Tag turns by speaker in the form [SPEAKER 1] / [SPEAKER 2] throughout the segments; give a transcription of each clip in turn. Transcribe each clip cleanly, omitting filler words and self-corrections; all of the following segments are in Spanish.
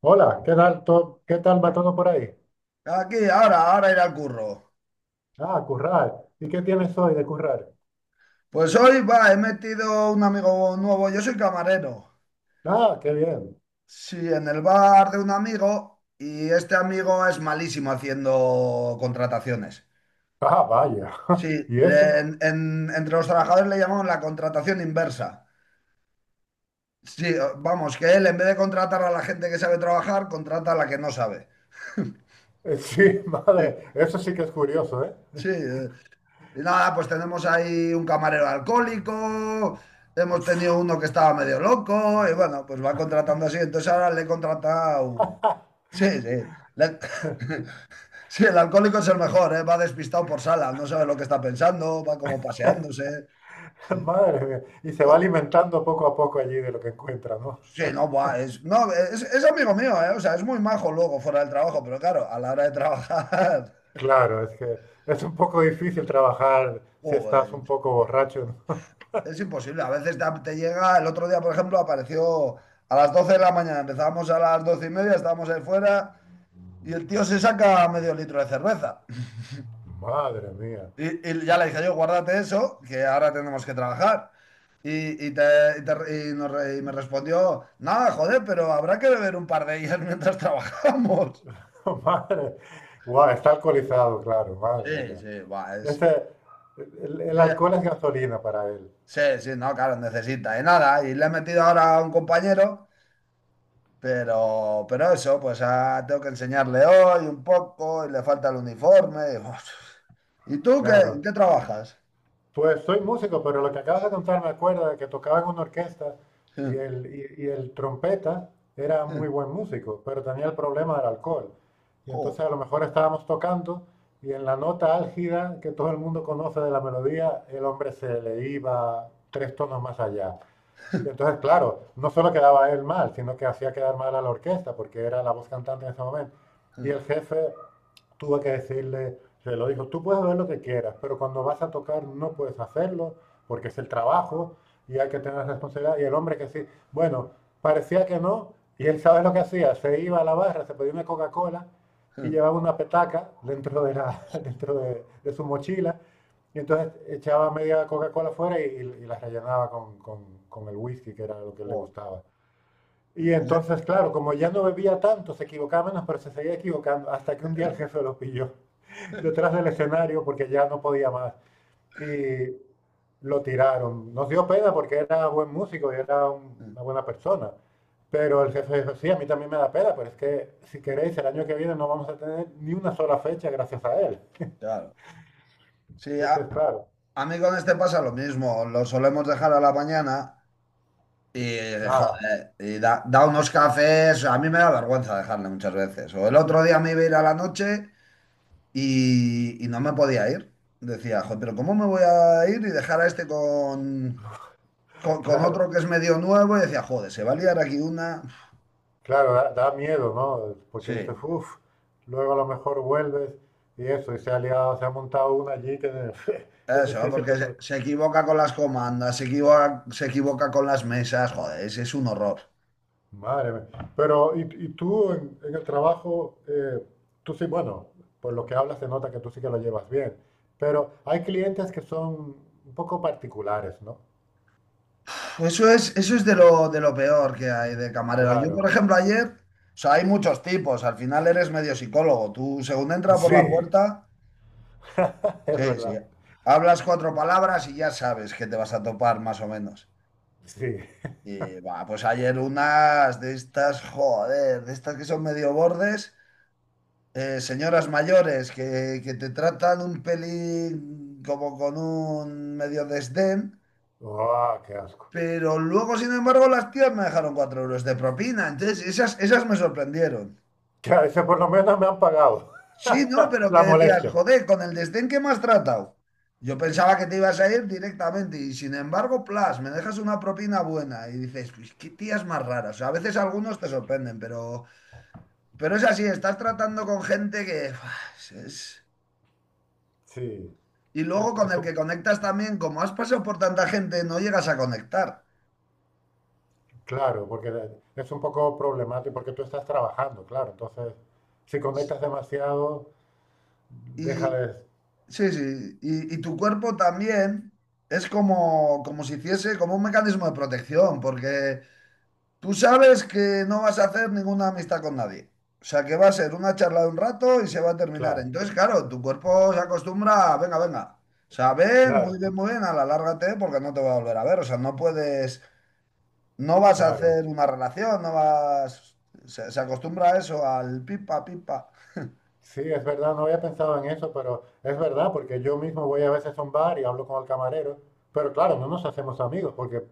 [SPEAKER 1] Hola, ¿qué tal, qué tal va todo por ahí?
[SPEAKER 2] Aquí, ahora, ahora ir al curro.
[SPEAKER 1] Ah, currar. ¿Y qué tienes hoy de currar?
[SPEAKER 2] Pues hoy, va, he metido un amigo nuevo. Yo soy camarero.
[SPEAKER 1] Ah, qué bien.
[SPEAKER 2] Sí, en el bar de un amigo y este amigo es malísimo haciendo contrataciones.
[SPEAKER 1] Ah, vaya.
[SPEAKER 2] Sí,
[SPEAKER 1] ¿Y eso?
[SPEAKER 2] entre los trabajadores le llamamos la contratación inversa. Sí, vamos, que él en vez de contratar a la gente que sabe trabajar, contrata a la que no sabe.
[SPEAKER 1] Sí,
[SPEAKER 2] Sí,
[SPEAKER 1] madre, eso sí que es curioso, ¿eh?
[SPEAKER 2] sí. Y nada, pues tenemos ahí un camarero alcohólico, hemos tenido uno que estaba medio loco, y bueno, pues va contratando así. Entonces ahora le he contratado. Sí, sí. Le- Sí, el alcohólico es el mejor, ¿eh? Va despistado por sala, no sabe lo que está pensando, va como paseándose. Sí.
[SPEAKER 1] Madre mía. Y se va
[SPEAKER 2] No,
[SPEAKER 1] alimentando poco a poco allí de lo que encuentra, ¿no?
[SPEAKER 2] sí, no, buah, es, no, es amigo mío, ¿eh? O sea, es muy majo luego fuera del trabajo, pero claro, a la hora de trabajar,
[SPEAKER 1] Claro, es que es un poco difícil trabajar si estás un
[SPEAKER 2] joder.
[SPEAKER 1] poco borracho, ¿no?
[SPEAKER 2] Es imposible, a veces te llega, el otro día, por ejemplo, apareció a las 12 de la mañana, empezábamos a las 12:30, estábamos ahí fuera y el tío se saca medio litro de cerveza.
[SPEAKER 1] Madre mía.
[SPEAKER 2] Y ya le dije yo, guárdate eso, que ahora tenemos que trabajar. Y, te- y te- y nos re- y me respondió, nada, joder, pero habrá que beber un par de ellas mientras trabajamos.
[SPEAKER 1] Madre. Guau, está alcoholizado, claro, madre
[SPEAKER 2] Sí,
[SPEAKER 1] mía.
[SPEAKER 2] sí, buah, es...
[SPEAKER 1] Ese, el
[SPEAKER 2] eh,
[SPEAKER 1] alcohol es gasolina para él.
[SPEAKER 2] Sí, sí, no, claro, necesita. Y nada, y le he metido ahora a un compañero. Pero eso, pues ah, tengo que enseñarle hoy un poco y le falta el uniforme. Y, uf. ¿Y tú qué, en
[SPEAKER 1] Claro.
[SPEAKER 2] qué trabajas?
[SPEAKER 1] Pues soy músico, pero lo que acabas de contar me acuerda de que tocaba en una orquesta y el, y el trompeta era muy buen músico, pero tenía el problema del alcohol. Y
[SPEAKER 2] Jo,
[SPEAKER 1] entonces a lo mejor estábamos tocando y en la nota álgida que todo el mundo conoce de la melodía, el hombre se le iba tres tonos más allá. Y entonces, claro, no solo quedaba él mal, sino que hacía quedar mal a la orquesta, porque era la voz cantante en ese momento. Y el jefe tuvo que decirle, se lo dijo, tú puedes ver lo que quieras, pero cuando vas a tocar no puedes hacerlo, porque es el trabajo y hay que tener responsabilidad. Y el hombre que sí, bueno, parecía que no, y él sabe lo que hacía, se iba a la barra, se pedía una Coca-Cola y llevaba una petaca dentro de, la, dentro de su mochila y entonces echaba media Coca-Cola fuera y la rellenaba con, con el whisky, que era lo que le
[SPEAKER 2] jo.
[SPEAKER 1] gustaba.
[SPEAKER 2] Sí,
[SPEAKER 1] Y
[SPEAKER 2] ese-
[SPEAKER 1] entonces, claro, como ya no bebía tanto, se equivocaba menos, pero se seguía equivocando, hasta que un día el jefe lo pilló detrás del escenario porque ya no podía más. Y lo tiraron. Nos dio pena porque era buen músico y era una buena persona. Pero el jefe dijo, sí, a mí también me da pena, pero es que si queréis, el año que viene no vamos a tener ni una sola fecha gracias a él.
[SPEAKER 2] Claro. Sí,
[SPEAKER 1] Entonces, claro,
[SPEAKER 2] a mí con este pasa lo mismo. Lo solemos dejar a la mañana y,
[SPEAKER 1] ah,
[SPEAKER 2] joder, y da unos cafés. A mí me da vergüenza dejarle muchas veces. O el otro día me iba a ir a la noche. Y, y no me podía ir. Decía, joder, pero ¿cómo me voy a ir y dejar a este con, con
[SPEAKER 1] claro.
[SPEAKER 2] otro que es medio nuevo? Y decía, joder, se va a liar aquí una.
[SPEAKER 1] Claro, da, da miedo, ¿no? Porque dices,
[SPEAKER 2] Sí,
[SPEAKER 1] uff, luego a lo mejor vuelves y eso, y se ha liado, se ha montado una allí que es
[SPEAKER 2] eso,
[SPEAKER 1] difícil
[SPEAKER 2] porque se,
[SPEAKER 1] resolver.
[SPEAKER 2] se equivoca con las comandas, se equivoca con las mesas, joder, es un horror.
[SPEAKER 1] Madre mía. Pero, y tú en el trabajo, tú sí, bueno, por lo que hablas se nota que tú sí que lo llevas bien, pero hay clientes que son un poco particulares, ¿no?
[SPEAKER 2] Pues eso es, eso es de lo peor que hay de camarero. Yo, por
[SPEAKER 1] Claro.
[SPEAKER 2] ejemplo, ayer, o sea, hay muchos tipos, al final eres medio psicólogo. Tú, según
[SPEAKER 1] Y
[SPEAKER 2] entra por
[SPEAKER 1] sí,
[SPEAKER 2] la puerta,
[SPEAKER 1] es
[SPEAKER 2] sí, sí,
[SPEAKER 1] verdad.
[SPEAKER 2] hablas cuatro palabras y ya sabes que te vas a topar más o menos.
[SPEAKER 1] Sí.
[SPEAKER 2] Y va, pues ayer unas de estas, joder, de estas que son medio bordes, señoras mayores que te tratan un pelín como con un medio desdén,
[SPEAKER 1] ¡Oh, qué asco!
[SPEAKER 2] pero luego, sin embargo, las tías me dejaron 4 euros de propina. Entonces, esas, esas me sorprendieron.
[SPEAKER 1] Que a ese por lo menos me han pagado
[SPEAKER 2] Sí, no, pero que
[SPEAKER 1] la
[SPEAKER 2] decías,
[SPEAKER 1] molestia.
[SPEAKER 2] joder, con el desdén que me has tratado. Yo pensaba que te ibas a ir directamente y sin embargo, plas, me dejas una propina buena y dices, "Pues, qué tías más raras". O sea, a veces algunos te sorprenden, pero... Pero es así, estás tratando con gente que uf, es...
[SPEAKER 1] Sí.
[SPEAKER 2] Y luego
[SPEAKER 1] Es,
[SPEAKER 2] con el que conectas también, como has pasado por tanta gente, no llegas a conectar.
[SPEAKER 1] claro, porque es un poco problemático, porque tú estás trabajando, claro. Entonces, si conectas demasiado, deja
[SPEAKER 2] Y
[SPEAKER 1] de...
[SPEAKER 2] sí, sí, y tu cuerpo también es como, como si hiciese como un mecanismo de protección, porque tú sabes que no vas a hacer ninguna amistad con nadie. O sea, que va a ser una charla de un rato y se va a terminar.
[SPEAKER 1] Claro,
[SPEAKER 2] Entonces, claro, tu cuerpo se acostumbra, a, venga, venga. O sea, ven,
[SPEAKER 1] claro,
[SPEAKER 2] muy bien, a la lárgate porque no te va a volver a ver. O sea, no puedes. No vas a
[SPEAKER 1] claro.
[SPEAKER 2] hacer una relación, no vas. Se acostumbra a eso, al pipa, pipa.
[SPEAKER 1] Sí, es verdad, no había pensado en eso, pero es verdad, porque yo mismo voy a veces a un bar y hablo con el camarero, pero claro, no nos hacemos amigos, porque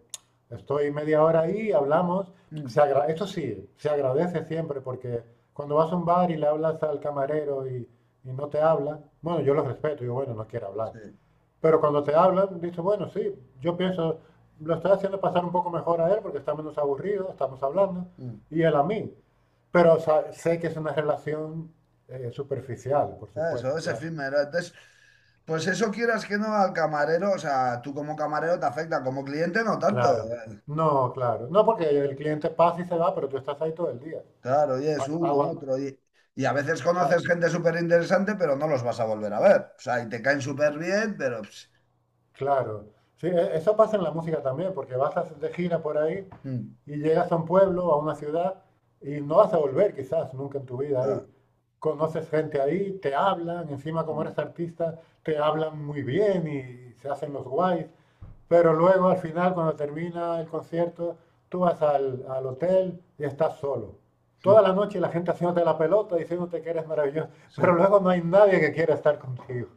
[SPEAKER 1] estoy media hora ahí, hablamos.
[SPEAKER 2] Mm,
[SPEAKER 1] Esto sí, se agradece siempre, porque cuando vas a un bar y le hablas al camarero y no te habla, bueno, yo lo respeto, digo, bueno, no quiere hablar.
[SPEAKER 2] sí.
[SPEAKER 1] Pero cuando te hablan, dices, bueno, sí, yo pienso, lo estoy haciendo pasar un poco mejor a él porque está menos aburrido, estamos hablando,
[SPEAKER 2] Mm.
[SPEAKER 1] y él a mí. Pero o sea, sé que es una relación superficial, por
[SPEAKER 2] Eso,
[SPEAKER 1] supuesto,
[SPEAKER 2] es
[SPEAKER 1] claro.
[SPEAKER 2] efímero. Entonces, pues eso quieras que no al camarero, o sea, tú como camarero te afecta, como cliente no tanto.
[SPEAKER 1] Claro.
[SPEAKER 2] ¿Eh?
[SPEAKER 1] No, claro. No porque el cliente pasa y se va, pero tú estás ahí todo el día.
[SPEAKER 2] Claro, y es uno,
[SPEAKER 1] Aguanta,
[SPEAKER 2] otro. Y a veces conoces
[SPEAKER 1] claro.
[SPEAKER 2] gente súper interesante, pero no los vas a volver a ver. O sea, y te caen súper bien, pero... ps,
[SPEAKER 1] Claro. Sí, eso pasa en la música también, porque de gira por ahí
[SPEAKER 2] mm,
[SPEAKER 1] y llegas a un pueblo, a una ciudad, y no vas a volver quizás nunca en tu vida
[SPEAKER 2] claro,
[SPEAKER 1] ahí. Conoces gente ahí, te hablan, encima como
[SPEAKER 2] mm,
[SPEAKER 1] eres artista, te hablan muy bien y se hacen los guays, pero luego al final, cuando termina el concierto, tú vas al, al hotel y estás solo. Toda
[SPEAKER 2] mm,
[SPEAKER 1] la noche la gente haciéndote la pelota, diciéndote que eres maravilloso,
[SPEAKER 2] sí,
[SPEAKER 1] pero luego no hay nadie que quiera estar contigo.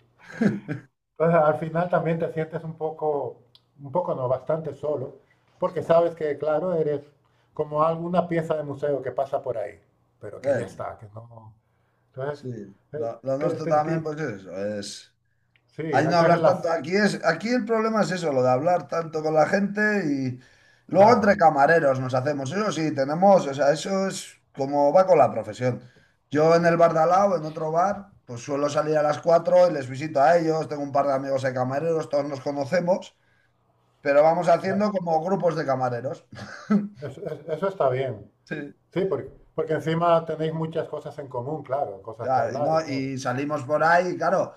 [SPEAKER 1] Entonces, al final también te sientes un poco no, bastante solo,
[SPEAKER 2] sí.
[SPEAKER 1] porque sabes que, claro, eres como alguna pieza de museo que pasa por ahí, pero que ya
[SPEAKER 2] eh,
[SPEAKER 1] está, que no. Entonces,
[SPEAKER 2] sí.
[SPEAKER 1] eh,
[SPEAKER 2] Lo
[SPEAKER 1] te,
[SPEAKER 2] nuestro
[SPEAKER 1] te
[SPEAKER 2] también,
[SPEAKER 1] enti-
[SPEAKER 2] pues es eso, es...
[SPEAKER 1] sí,
[SPEAKER 2] Ahí no
[SPEAKER 1] ese
[SPEAKER 2] hablar tanto.
[SPEAKER 1] relax,
[SPEAKER 2] Aquí es, aquí el problema es eso, lo de hablar tanto con la gente y luego entre
[SPEAKER 1] claro,
[SPEAKER 2] camareros nos hacemos. Eso sí, tenemos, o sea, eso es como va con la profesión. Yo en el bar de al lado, en otro bar, pues suelo salir a las 4 y les visito a ellos. Tengo un par de amigos de camareros, todos nos conocemos, pero vamos
[SPEAKER 1] claro,
[SPEAKER 2] haciendo como grupos de camareros.
[SPEAKER 1] eso, eso está bien.
[SPEAKER 2] Sí.
[SPEAKER 1] Sí, porque, porque encima tenéis muchas cosas en común, claro, cosas que
[SPEAKER 2] sea,
[SPEAKER 1] hablar
[SPEAKER 2] no?
[SPEAKER 1] y todo.
[SPEAKER 2] Y salimos por ahí, claro.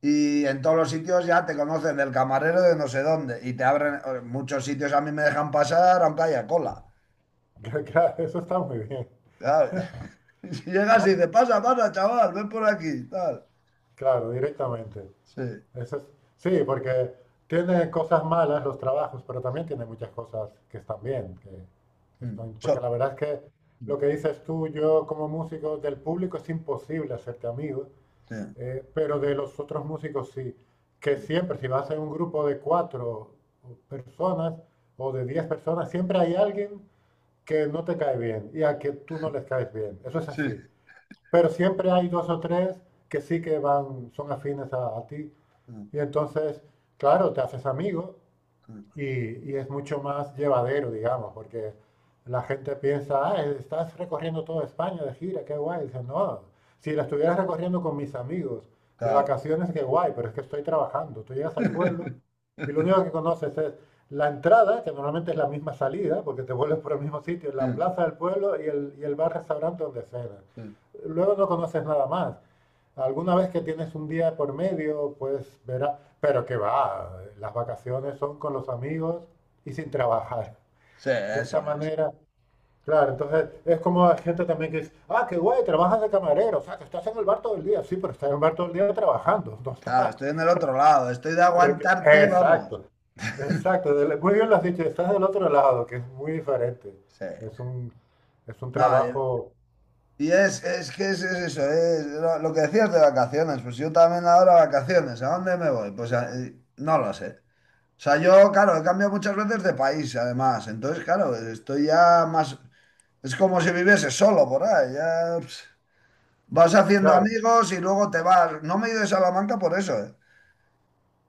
[SPEAKER 2] Y en todos los sitios ya te conocen del camarero de no sé dónde. Y te abren. Muchos sitios a mí me dejan pasar aunque haya cola.
[SPEAKER 1] Claro, eso está muy bien.
[SPEAKER 2] ¿Sabes? Y llegas y
[SPEAKER 1] Ah,
[SPEAKER 2] dices, pasa, pasa, chaval, ven por aquí. Tal.
[SPEAKER 1] claro, directamente.
[SPEAKER 2] Sí.
[SPEAKER 1] Eso es- sí, porque tiene cosas malas los trabajos, pero también tiene muchas cosas que están bien, que,
[SPEAKER 2] Mm.
[SPEAKER 1] porque la
[SPEAKER 2] So-
[SPEAKER 1] verdad es que
[SPEAKER 2] mm.
[SPEAKER 1] lo que dices tú, yo como músico del público es imposible hacerte amigo,
[SPEAKER 2] Sí.
[SPEAKER 1] pero de los otros músicos sí, que
[SPEAKER 2] Mm.
[SPEAKER 1] siempre si vas en un grupo de cuatro personas o de diez personas, siempre hay alguien que no te cae bien y a que tú no les caes bien, eso es
[SPEAKER 2] Sí.
[SPEAKER 1] así, pero siempre hay dos o tres que sí que van, son afines a ti.
[SPEAKER 2] Mm.
[SPEAKER 1] Y entonces, claro, te haces amigo
[SPEAKER 2] Mm.
[SPEAKER 1] y, y es mucho más llevadero, digamos, porque la gente piensa, ah, estás recorriendo toda España de gira, qué guay. Dice, no, si la estuvieras recorriendo con mis amigos de
[SPEAKER 2] Claro.
[SPEAKER 1] vacaciones, qué guay, pero es que estoy trabajando. Tú llegas al pueblo y lo único que conoces es la entrada, que normalmente es la misma salida, porque te vuelves por el mismo sitio, la
[SPEAKER 2] Mm.
[SPEAKER 1] plaza del pueblo y el bar-restaurante donde cenas.
[SPEAKER 2] Sí.
[SPEAKER 1] Luego no conoces nada más. Alguna vez que tienes un día por medio, pues verás, pero que va, las vacaciones son con los amigos y sin trabajar.
[SPEAKER 2] Sí,
[SPEAKER 1] De
[SPEAKER 2] eso
[SPEAKER 1] esta
[SPEAKER 2] es.
[SPEAKER 1] manera, claro, entonces es como hay gente también que dice, ah, qué guay, trabajas de camarero, o sea, que estás en el bar todo el día, sí, pero estás en el bar todo el día trabajando, no
[SPEAKER 2] Claro,
[SPEAKER 1] está.
[SPEAKER 2] estoy en el otro lado. Estoy de
[SPEAKER 1] es que-
[SPEAKER 2] aguantarte, vamos.
[SPEAKER 1] Exacto, exacto, muy bien lo has dicho, estás del otro lado, que es muy diferente.
[SPEAKER 2] Sí.
[SPEAKER 1] Es un, es un
[SPEAKER 2] No,
[SPEAKER 1] trabajo,
[SPEAKER 2] y es que es eso, es lo que decías de vacaciones. Pues yo también ahora vacaciones, ¿a dónde me voy? Pues a- no lo sé. O sea, yo, claro, he cambiado muchas veces de país, además. Entonces, claro, estoy ya más... Es como si viviese solo por ahí. Ya pss, vas haciendo
[SPEAKER 1] claro,
[SPEAKER 2] amigos y luego te vas. No me he ido de Salamanca por eso, ¿eh?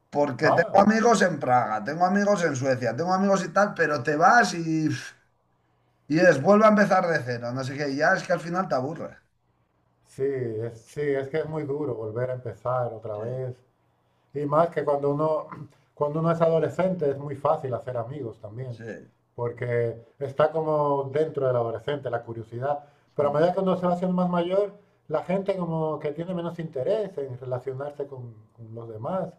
[SPEAKER 2] Porque tengo
[SPEAKER 1] ah.
[SPEAKER 2] amigos en Praga, tengo amigos en Suecia, tengo amigos y tal, pero te vas y... pff, y es, vuelve a empezar de cero, no sé qué. Y ya es que al final te aburre.
[SPEAKER 1] Sí, es que es muy duro volver a empezar otra
[SPEAKER 2] Sí,
[SPEAKER 1] vez. Y más que cuando uno, cuando uno es adolescente es muy fácil hacer amigos también,
[SPEAKER 2] sí.
[SPEAKER 1] porque está como dentro del adolescente la curiosidad. Pero a medida que uno se va haciendo más mayor, la gente como que tiene menos interés en relacionarse con los demás,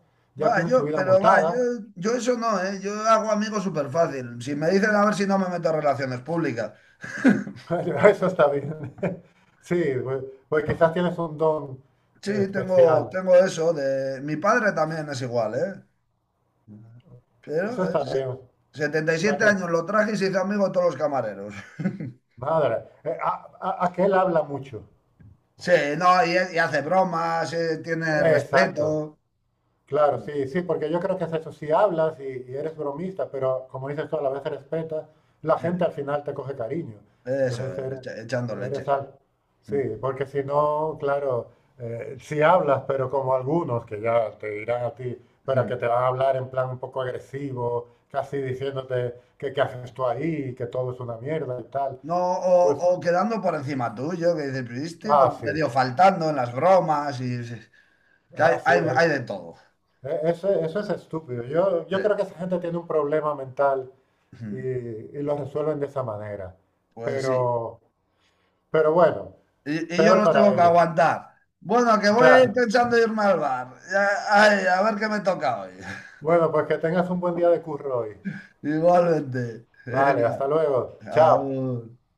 [SPEAKER 2] Va,
[SPEAKER 1] ya tienen su
[SPEAKER 2] yo,
[SPEAKER 1] vida
[SPEAKER 2] pero va, yo,
[SPEAKER 1] montada.
[SPEAKER 2] yo eso no, ¿eh? Yo hago amigos súper fácil. Si me dicen a ver si no me meto en relaciones públicas.
[SPEAKER 1] Eso está bien. Sí, pues, pues quizás tienes un don
[SPEAKER 2] Sí,
[SPEAKER 1] especial.
[SPEAKER 2] tengo eso de... Mi padre también es igual, ¿eh? Pero
[SPEAKER 1] Eso está
[SPEAKER 2] se-
[SPEAKER 1] bien. O
[SPEAKER 2] setenta y
[SPEAKER 1] sea
[SPEAKER 2] siete
[SPEAKER 1] que
[SPEAKER 2] años lo traje y se hizo amigo de todos los camareros.
[SPEAKER 1] madre, aquel habla mucho.
[SPEAKER 2] Sí, no, y hace bromas, tiene
[SPEAKER 1] Exacto,
[SPEAKER 2] respeto.
[SPEAKER 1] claro, sí, sí, porque yo creo que es eso, si hablas y eres bromista, pero como dices tú, a la vez respetas, la gente
[SPEAKER 2] Sí,
[SPEAKER 1] al final te coge cariño.
[SPEAKER 2] eso,
[SPEAKER 1] Entonces
[SPEAKER 2] es,
[SPEAKER 1] eres,
[SPEAKER 2] echa- echando
[SPEAKER 1] eres
[SPEAKER 2] leches.
[SPEAKER 1] al... Sí, porque si no, claro, si hablas, pero como algunos que ya te dirán a ti, pero que te van a hablar en plan un poco agresivo, casi diciéndote que qué haces tú ahí, que todo es una mierda y tal,
[SPEAKER 2] No,
[SPEAKER 1] pues,
[SPEAKER 2] o quedando por encima tuyo, que dices, pero este
[SPEAKER 1] ah,
[SPEAKER 2] como
[SPEAKER 1] sí,
[SPEAKER 2] medio faltando en las bromas y sí, que hay,
[SPEAKER 1] así
[SPEAKER 2] hay
[SPEAKER 1] es.
[SPEAKER 2] de todo.
[SPEAKER 1] Eso, eso es estúpido. Yo,
[SPEAKER 2] Sí.
[SPEAKER 1] yo creo que esa gente tiene un problema mental y lo resuelven de esa manera.
[SPEAKER 2] Pues sí.
[SPEAKER 1] Pero, pero bueno,
[SPEAKER 2] Y yo
[SPEAKER 1] peor
[SPEAKER 2] los
[SPEAKER 1] para
[SPEAKER 2] tengo que
[SPEAKER 1] ellos.
[SPEAKER 2] aguantar. Bueno, que voy
[SPEAKER 1] Claro.
[SPEAKER 2] pensando irme al bar. Ya- ay, a ver qué me toca hoy.
[SPEAKER 1] Bueno, pues que tengas un buen día de curro hoy.
[SPEAKER 2] Igualmente.
[SPEAKER 1] Vale, hasta
[SPEAKER 2] Venga,
[SPEAKER 1] luego. Chao.
[SPEAKER 2] agur.